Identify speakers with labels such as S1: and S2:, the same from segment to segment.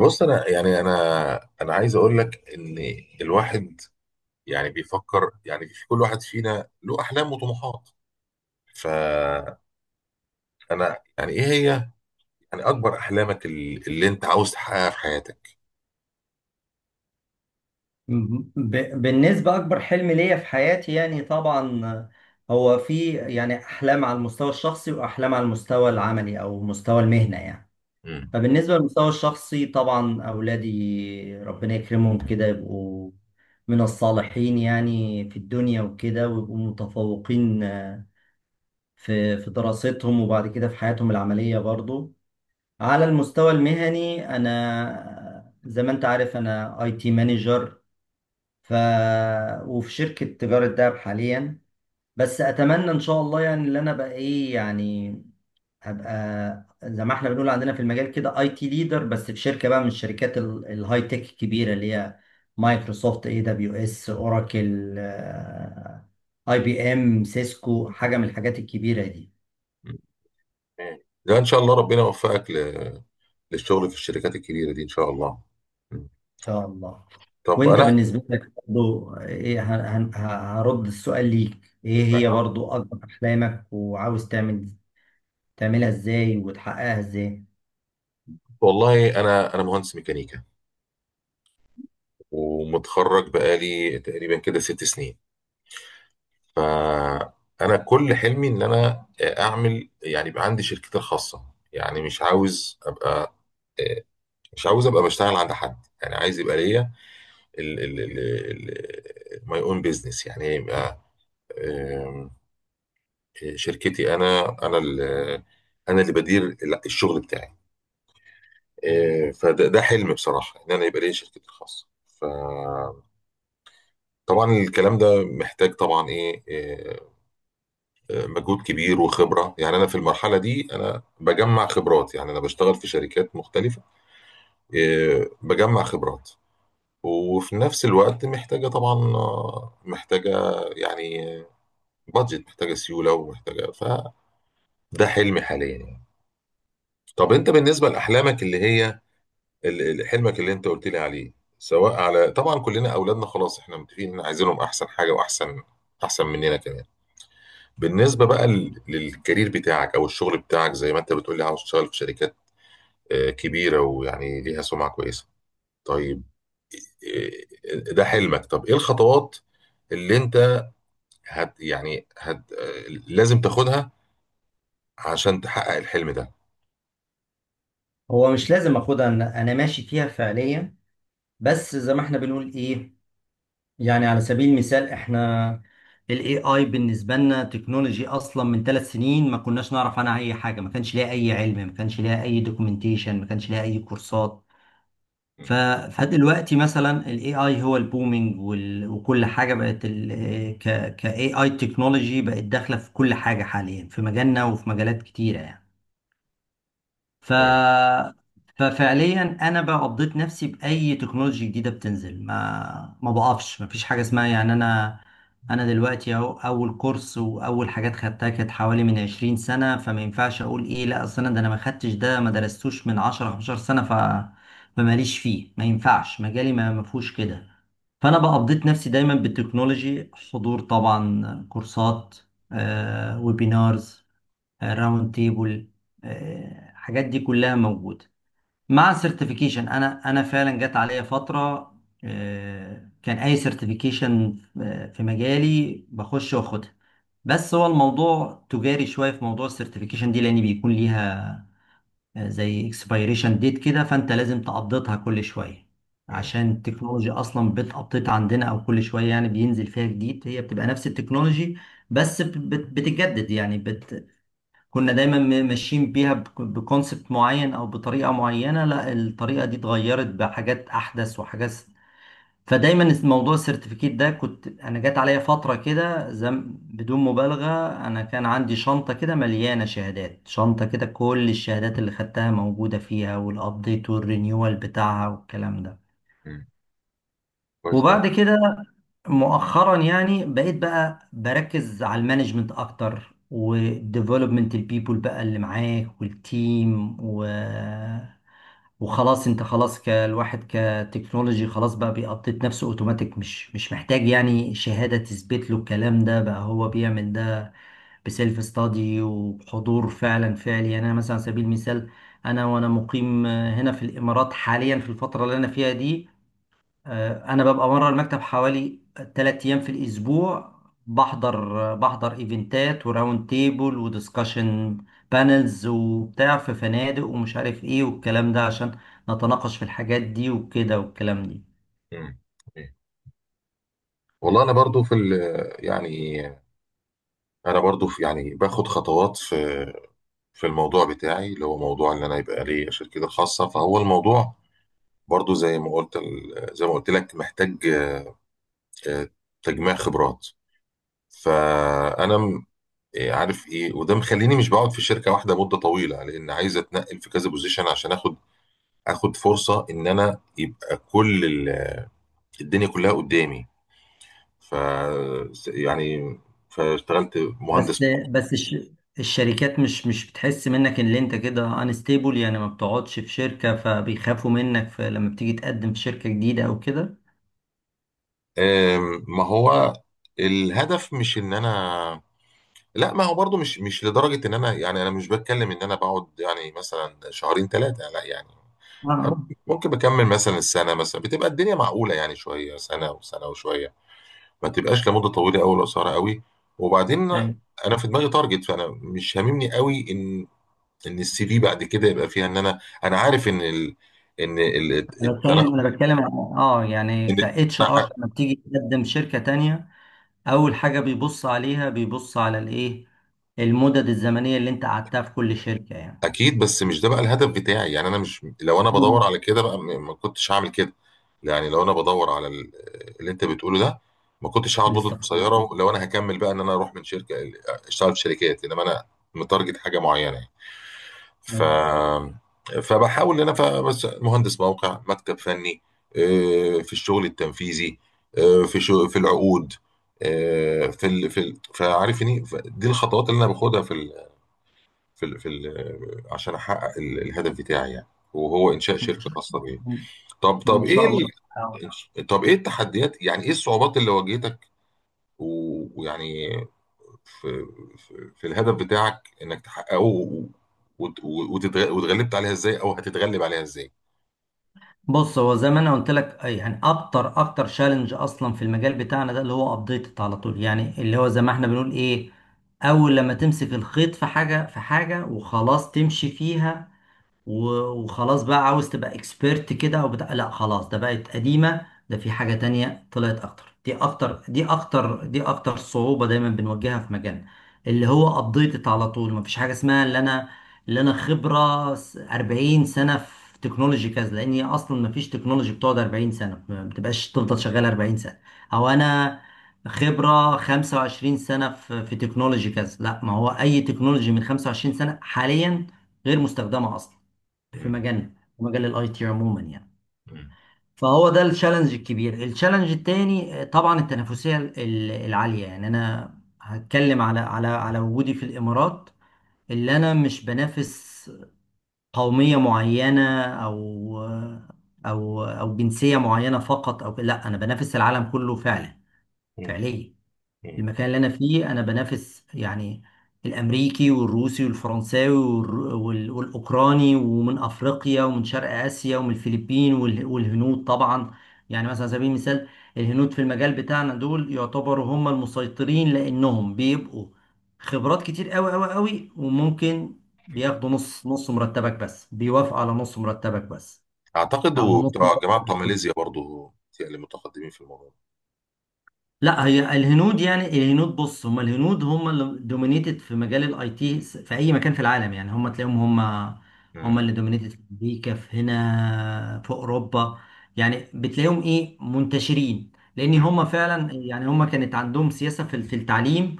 S1: بص، انا يعني انا عايز اقول لك ان الواحد يعني بيفكر، يعني في كل واحد فينا له احلام وطموحات. فانا، يعني ايه هي يعني اكبر احلامك اللي انت عاوز تحققها في حياتك؟
S2: بالنسبة أكبر حلم ليا في حياتي يعني طبعا هو في يعني أحلام على المستوى الشخصي وأحلام على المستوى العملي أو مستوى المهنة يعني.
S1: امم
S2: فبالنسبة للمستوى الشخصي طبعا أولادي ربنا يكرمهم كده يبقوا من الصالحين يعني في الدنيا وكده ويبقوا متفوقين آه، في دراستهم وبعد كده في حياتهم العملية برضو. على المستوى المهني أنا زي ما أنت عارف أنا أي تي مانجر ف وفي شركة تجارة دهب حاليا. بس أتمنى إن شاء الله يعني اللي أنا بقى إيه يعني أبقى زي ما إحنا بنقول عندنا في المجال كده أي تي ليدر، بس في شركة بقى من الشركات الهاي تك الكبيرة اللي هي مايكروسوفت، اي دبليو اس، اوراكل، اي بي ام، سيسكو، حاجة من الحاجات الكبيرة دي.
S1: ده ان شاء الله ربنا يوفقك للشغل في الشركات الكبيره دي، ان شاء الله. مم.
S2: إن شاء الله.
S1: طب
S2: وأنت
S1: انا
S2: بالنسبة لك برضو إيه هرد السؤال ليك، إيه هي برضو أكبر أحلامك وعاوز تعمل تعملها ازاي وتحققها ازاي؟
S1: والله انا مهندس ميكانيكا، ومتخرج بقالي تقريبا كده 6 سنين. فانا كل حلمي ان انا اعمل، يعني يبقى عندي شركتي الخاصه. يعني مش عاوز ابقى بشتغل عند حد. يعني عايز يبقى ليا ال ماي اون بيزنس، يعني يبقى آم، شركتي. انا اللي بدير الشغل بتاعي. فده حلم بصراحه، ان انا يبقى ليا شركتي الخاصه. فطبعا الكلام ده محتاج طبعا ايه، مجهود كبير وخبره. يعني انا في المرحله دي انا بجمع خبرات، يعني انا بشتغل في شركات مختلفه. إيه، بجمع خبرات وفي نفس الوقت محتاجه طبعا، محتاجه يعني بادجت، محتاجه سيوله، ومحتاجه. فده حلمي حاليا يعني. طب انت بالنسبه لاحلامك اللي هي حلمك اللي انت قلت لي عليه، سواء على طبعا كلنا اولادنا، خلاص احنا متفقين ان عايزينهم احسن حاجه، واحسن مننا كمان. بالنسبه بقى للكارير بتاعك، او الشغل بتاعك، زي ما انت بتقول لي عاوز تشتغل في شركات كبيرة، ويعني ليها سمعة كويسة. طيب، ده حلمك. طب ايه الخطوات اللي انت هت يعني هت آه، لازم تاخدها عشان تحقق الحلم ده؟
S2: هو مش لازم اخدها، إن انا ماشي فيها فعليا. بس زي ما احنا بنقول ايه، يعني على سبيل المثال احنا الاي اي بالنسبه لنا تكنولوجي اصلا من ثلاث سنين ما كناش نعرف عنها اي حاجه، ما كانش ليها اي علم، ما كانش ليها اي دوكيومنتيشن، ما كانش ليها اي كورسات.
S1: مم.
S2: ف... فدلوقتي مثلا الاي اي هو البومينج وكل حاجه بقت كاي اي تكنولوجي بقت داخله في كل حاجه حاليا في مجالنا وفي مجالات كتيره يعني. ف...
S1: مم.
S2: ففعليا انا بقى قضيت نفسي باي تكنولوجيا جديده بتنزل، ما بقفش، ما فيش حاجه اسمها يعني انا. انا دلوقتي اهو اول كورس واول حاجات خدتها كانت حوالي من 20 سنه، فما ينفعش اقول ايه لا اصل انا ده انا ما خدتش ده ما درستوش من 10 15 سنه. فماليش فيه، ما ينفعش مجالي ما فيهوش كده. فانا بقى قضيت نفسي دايما بالتكنولوجي، حضور طبعا كورسات آه ويبينارز، راوند تيبل، الحاجات دي كلها موجوده. مع السيرتيفيكيشن، انا فعلا جت عليا فتره آه، كان اي سيرتيفيكيشن في مجالي بخش واخدها. بس هو الموضوع تجاري شويه في موضوع السيرتيفيكيشن دي، لان بيكون ليها آه، زي اكسبيريشن ديت كده، فانت لازم تقضيتها كل شويه
S1: مم.
S2: عشان التكنولوجيا اصلا بتقطيت عندنا او كل شويه يعني بينزل فيها جديد، هي بتبقى نفس التكنولوجي بس بتتجدد يعني كنا دايما ماشيين بيها بكونسبت معين او بطريقه معينه، لا الطريقه دي اتغيرت بحاجات احدث وحاجات. فدايما موضوع السيرتيفيكيت ده كنت انا جات عليا فتره كده زم بدون مبالغه، انا كان عندي شنطه كده مليانه شهادات، شنطه كده كل الشهادات اللي خدتها موجوده فيها والابديت والرينيوال بتاعها والكلام ده.
S1: مم. كويس أوي.
S2: وبعد كده مؤخرا يعني بقيت بقى بركز على المانجمنت اكتر وديفلوبمنت البيبول بقى اللي معاك والتيم وخلاص انت خلاص كالواحد كتكنولوجي خلاص بقى بيقطط نفسه اوتوماتيك، مش محتاج يعني شهادة تثبت له الكلام ده، بقى هو بيعمل ده بسيلف ستادي وحضور فعلا فعلي يعني. انا مثلا على سبيل المثال انا وانا مقيم هنا في الامارات حاليا في الفترة اللي انا فيها دي آه، انا ببقى بره المكتب حوالي 3 ايام في الاسبوع، بحضر آه، بحضر ايفنتات وراوند تيبل ودiscussion بانلز وبتاع في فنادق ومش عارف ايه والكلام ده عشان نتناقش في الحاجات دي وكده والكلام دي.
S1: مم. مم. والله انا برضو في يعني انا برضو يعني باخد خطوات في الموضوع بتاعي، اللي هو موضوع ان انا يبقى لي شركتي الخاصه. فهو الموضوع برضو، زي ما قلت لك محتاج آه، تجميع خبرات. فانا إيه عارف ايه، وده مخليني مش بقعد في شركه واحده مده طويله، لان عايز اتنقل في كذا بوزيشن عشان اخد فرصه ان انا يبقى كل الدنيا كلها قدامي. ف يعني فاشتغلت
S2: بس
S1: مهندس.
S2: بس الشركات مش بتحس منك ان انت كده انستيبل يعني، ما بتقعدش في شركة فبيخافوا منك في لما بتيجي تقدم في شركة جديدة او كده.
S1: ما هو الهدف مش ان انا، لا ما هو برضو مش لدرجه ان انا، يعني انا مش بتكلم ان انا بقعد يعني مثلا شهرين ثلاثه، لا يعني.
S2: اه آه.
S1: ممكن بكمل مثلا السنه، مثلا بتبقى الدنيا معقوله يعني شويه، سنه وسنه وشويه. ما تبقاش لمده طويله قوي ولا قصيره قوي. وبعدين
S2: أيوة.
S1: انا في دماغي تارجت، فانا مش هاممني قوي ان السي في بعد كده يبقى فيها ان انا عارف ان ان ال... التنقل.
S2: انا بتكلم عن يعني
S1: ان
S2: ك اتش ار
S1: أنا
S2: لما بتيجي تقدم شركه تانية، اول حاجه بيبص عليها بيبص على الايه، المدد الزمنيه اللي انت قعدتها في كل شركه يعني.
S1: اكيد، بس مش ده بقى الهدف بتاعي. يعني انا مش، لو انا بدور
S2: مم.
S1: على كده بقى، ما كنتش هعمل كده. يعني لو انا بدور على اللي انت بتقوله ده، ما كنتش هقعد مده
S2: الاستقرار.
S1: قصيره لو انا هكمل بقى، ان انا اروح من شركه اشتغل في شركات، انما انا متارجت حاجه معينه. ف
S2: ان
S1: فبحاول ان انا ف- بس مهندس موقع، مكتب فني، في الشغل التنفيذي، في شو في العقود، فعارفني. دي الخطوات اللي انا باخدها في ال... في ال... عشان احقق الهدف بتاعي، يعني وهو انشاء شركه
S2: شاء
S1: خاصه بيا. طب طب
S2: إن
S1: ايه
S2: شاء الله. آه.
S1: طب ايه التحديات، يعني ايه الصعوبات اللي واجهتك ويعني في في الهدف بتاعك، انك تحققه واتغلبت عليها ازاي، او هتتغلب عليها ازاي؟
S2: بص هو زي ما انا قلت لك آه، يعني اكتر تشالنج اصلا في المجال بتاعنا ده اللي هو ابديت على طول يعني، اللي هو زي ما احنا بنقول ايه، اول لما تمسك الخيط في حاجه في حاجه وخلاص تمشي فيها و- وخلاص بقى عاوز تبقى اكسبيرت كده او بتاع، لا خلاص ده بقت قديمة، ده في حاجة تانية طلعت اكتر، دي اكتر دي اكتر دي اكتر صعوبة دايما بنواجهها في مجالنا اللي هو ابديتد على طول. مفيش حاجة اسمها اللي انا خبرة 40 سنة في تكنولوجي كذا، لان هي اصلا مفيش تكنولوجي بتقعد 40 سنة، ما بتبقاش تفضل شغال 40 سنة، او انا خبرة 25 سنة في في تكنولوجي كذا، لا ما هو اي تكنولوجي من 25 سنة حاليا غير مستخدمة اصلا في
S1: مم.
S2: مجالنا، في مجال الاي تي عموما يعني.
S1: مم.
S2: فهو ده التشالنج الكبير. التشالنج التاني آه، طبعا التنافسيه العاليه، يعني انا هتكلم على على وجودي في الامارات، اللي انا مش بنافس قوميه معينه او او جنسيه معينه فقط، او لا انا بنافس العالم كله فعلا
S1: مم.
S2: فعليا.
S1: مم.
S2: المكان اللي انا فيه انا بنافس يعني الامريكي والروسي والفرنساوي والاوكراني ومن افريقيا ومن شرق اسيا ومن الفلبين والهنود طبعا. يعني مثلا على سبيل المثال الهنود في المجال بتاعنا دول يعتبروا هم المسيطرين، لانهم بيبقوا خبرات كتير قوي قوي قوي، وممكن بياخدوا نص نص مرتبك، بس بيوافقوا على نص مرتبك بس،
S1: اعتقد
S2: او نص
S1: وبتوع الجماعه بتوع
S2: مرتبك.
S1: ماليزيا برضو، اللي متقدمين في الموضوع ده.
S2: لا هي الهنود، يعني الهنود بص، هم الهنود هم اللي دومينيتد في مجال الاي تي في اي مكان في العالم يعني، هم تلاقيهم هم هم
S1: مم.
S2: اللي دومينيتد في امريكا، في هنا، في اوروبا، يعني بتلاقيهم ايه منتشرين، لان
S1: مم.
S2: هم فعلا يعني هم كانت عندهم سياسة في في التعليم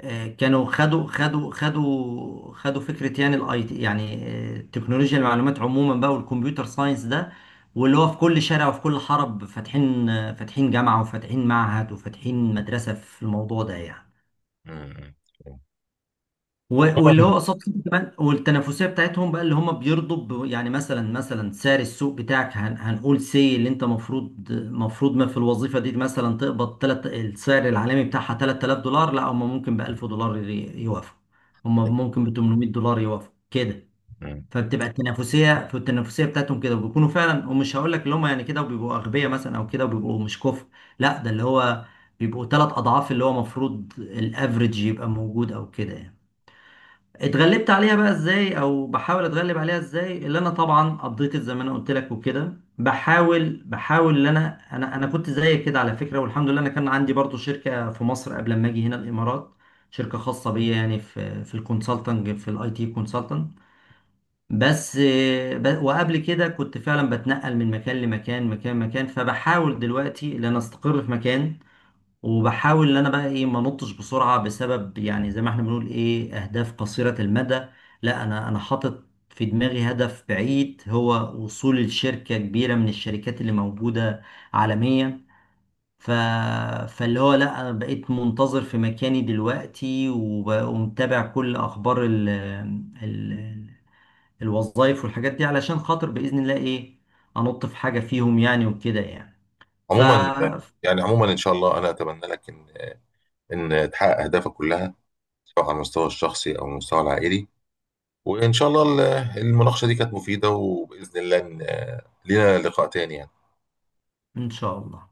S2: آه، كانوا خدوا فكره يعني الاي تي يعني آه، تكنولوجيا المعلومات عموما بقى والكمبيوتر ساينس ده، واللي هو في كل شارع وفي كل حرب فاتحين آه، فاتحين جامعه وفاتحين معهد وفاتحين مدرسه في الموضوع ده يعني.
S1: مم. مم.
S2: واللي هو
S1: عموما.
S2: قصاد كده كمان، والتنافسيه بتاعتهم بقى اللي هم بيرضوا يعني مثلا سعر السوق بتاعك هنقول سي اللي انت مفروض ما في الوظيفه دي مثلا تقبض تلت السعر العالمي بتاعها 3000 دولار، لا هم ممكن ب 1000 دولار يوافقوا، هم ممكن ب 800 دولار يوافقوا كده.
S1: مم.
S2: فبتبقى التنافسيه في التنافسيه بتاعتهم كده وبيكونوا فعلا، ومش هقول لك اللي هم يعني كده وبيبقوا اغبياء مثلا او كده وبيبقوا مش كفء، لا ده اللي هو بيبقوا ثلاث اضعاف اللي هو مفروض الافريج يبقى موجود او كده يعني. اتغلبت عليها بقى ازاي او بحاول اتغلب عليها ازاي؟ اللي انا طبعا قضيت زي ما انا قلت لك وكده. بحاول ان انا كنت زيك كده على فكره، والحمد لله انا كان عندي برضو شركه في مصر قبل ما اجي هنا الامارات، شركه خاصه بيا يعني في في الكونسلتنج في الاي تي كونسلتنج. بس آه، وقبل كده كنت فعلا بتنقل من مكان لمكان مكان، فبحاول دلوقتي ان انا استقر في مكان، وبحاول ان انا بقى ايه ما انطش بسرعه بسبب يعني زي ما احنا بنقول ايه اهداف قصيره المدى. لا انا حاطط في دماغي هدف بعيد هو وصول الشركه كبيره من الشركات اللي موجوده عالميا. ف... فاللي هو لا انا بقيت منتظر في مكاني دلوقتي ومتابع كل اخبار ال... الوظائف والحاجات دي علشان خاطر باذن الله ايه، انط في حاجه فيهم يعني وكده يعني. ف
S1: عموما، يعني عموما ان شاء الله انا اتمنى لك ان تحقق اهدافك كلها، سواء على المستوى الشخصي او المستوى العائلي. وان شاء الله المناقشه دي كانت مفيده، وباذن الله لينا لقاء تاني يعني.
S2: ان شاء الله.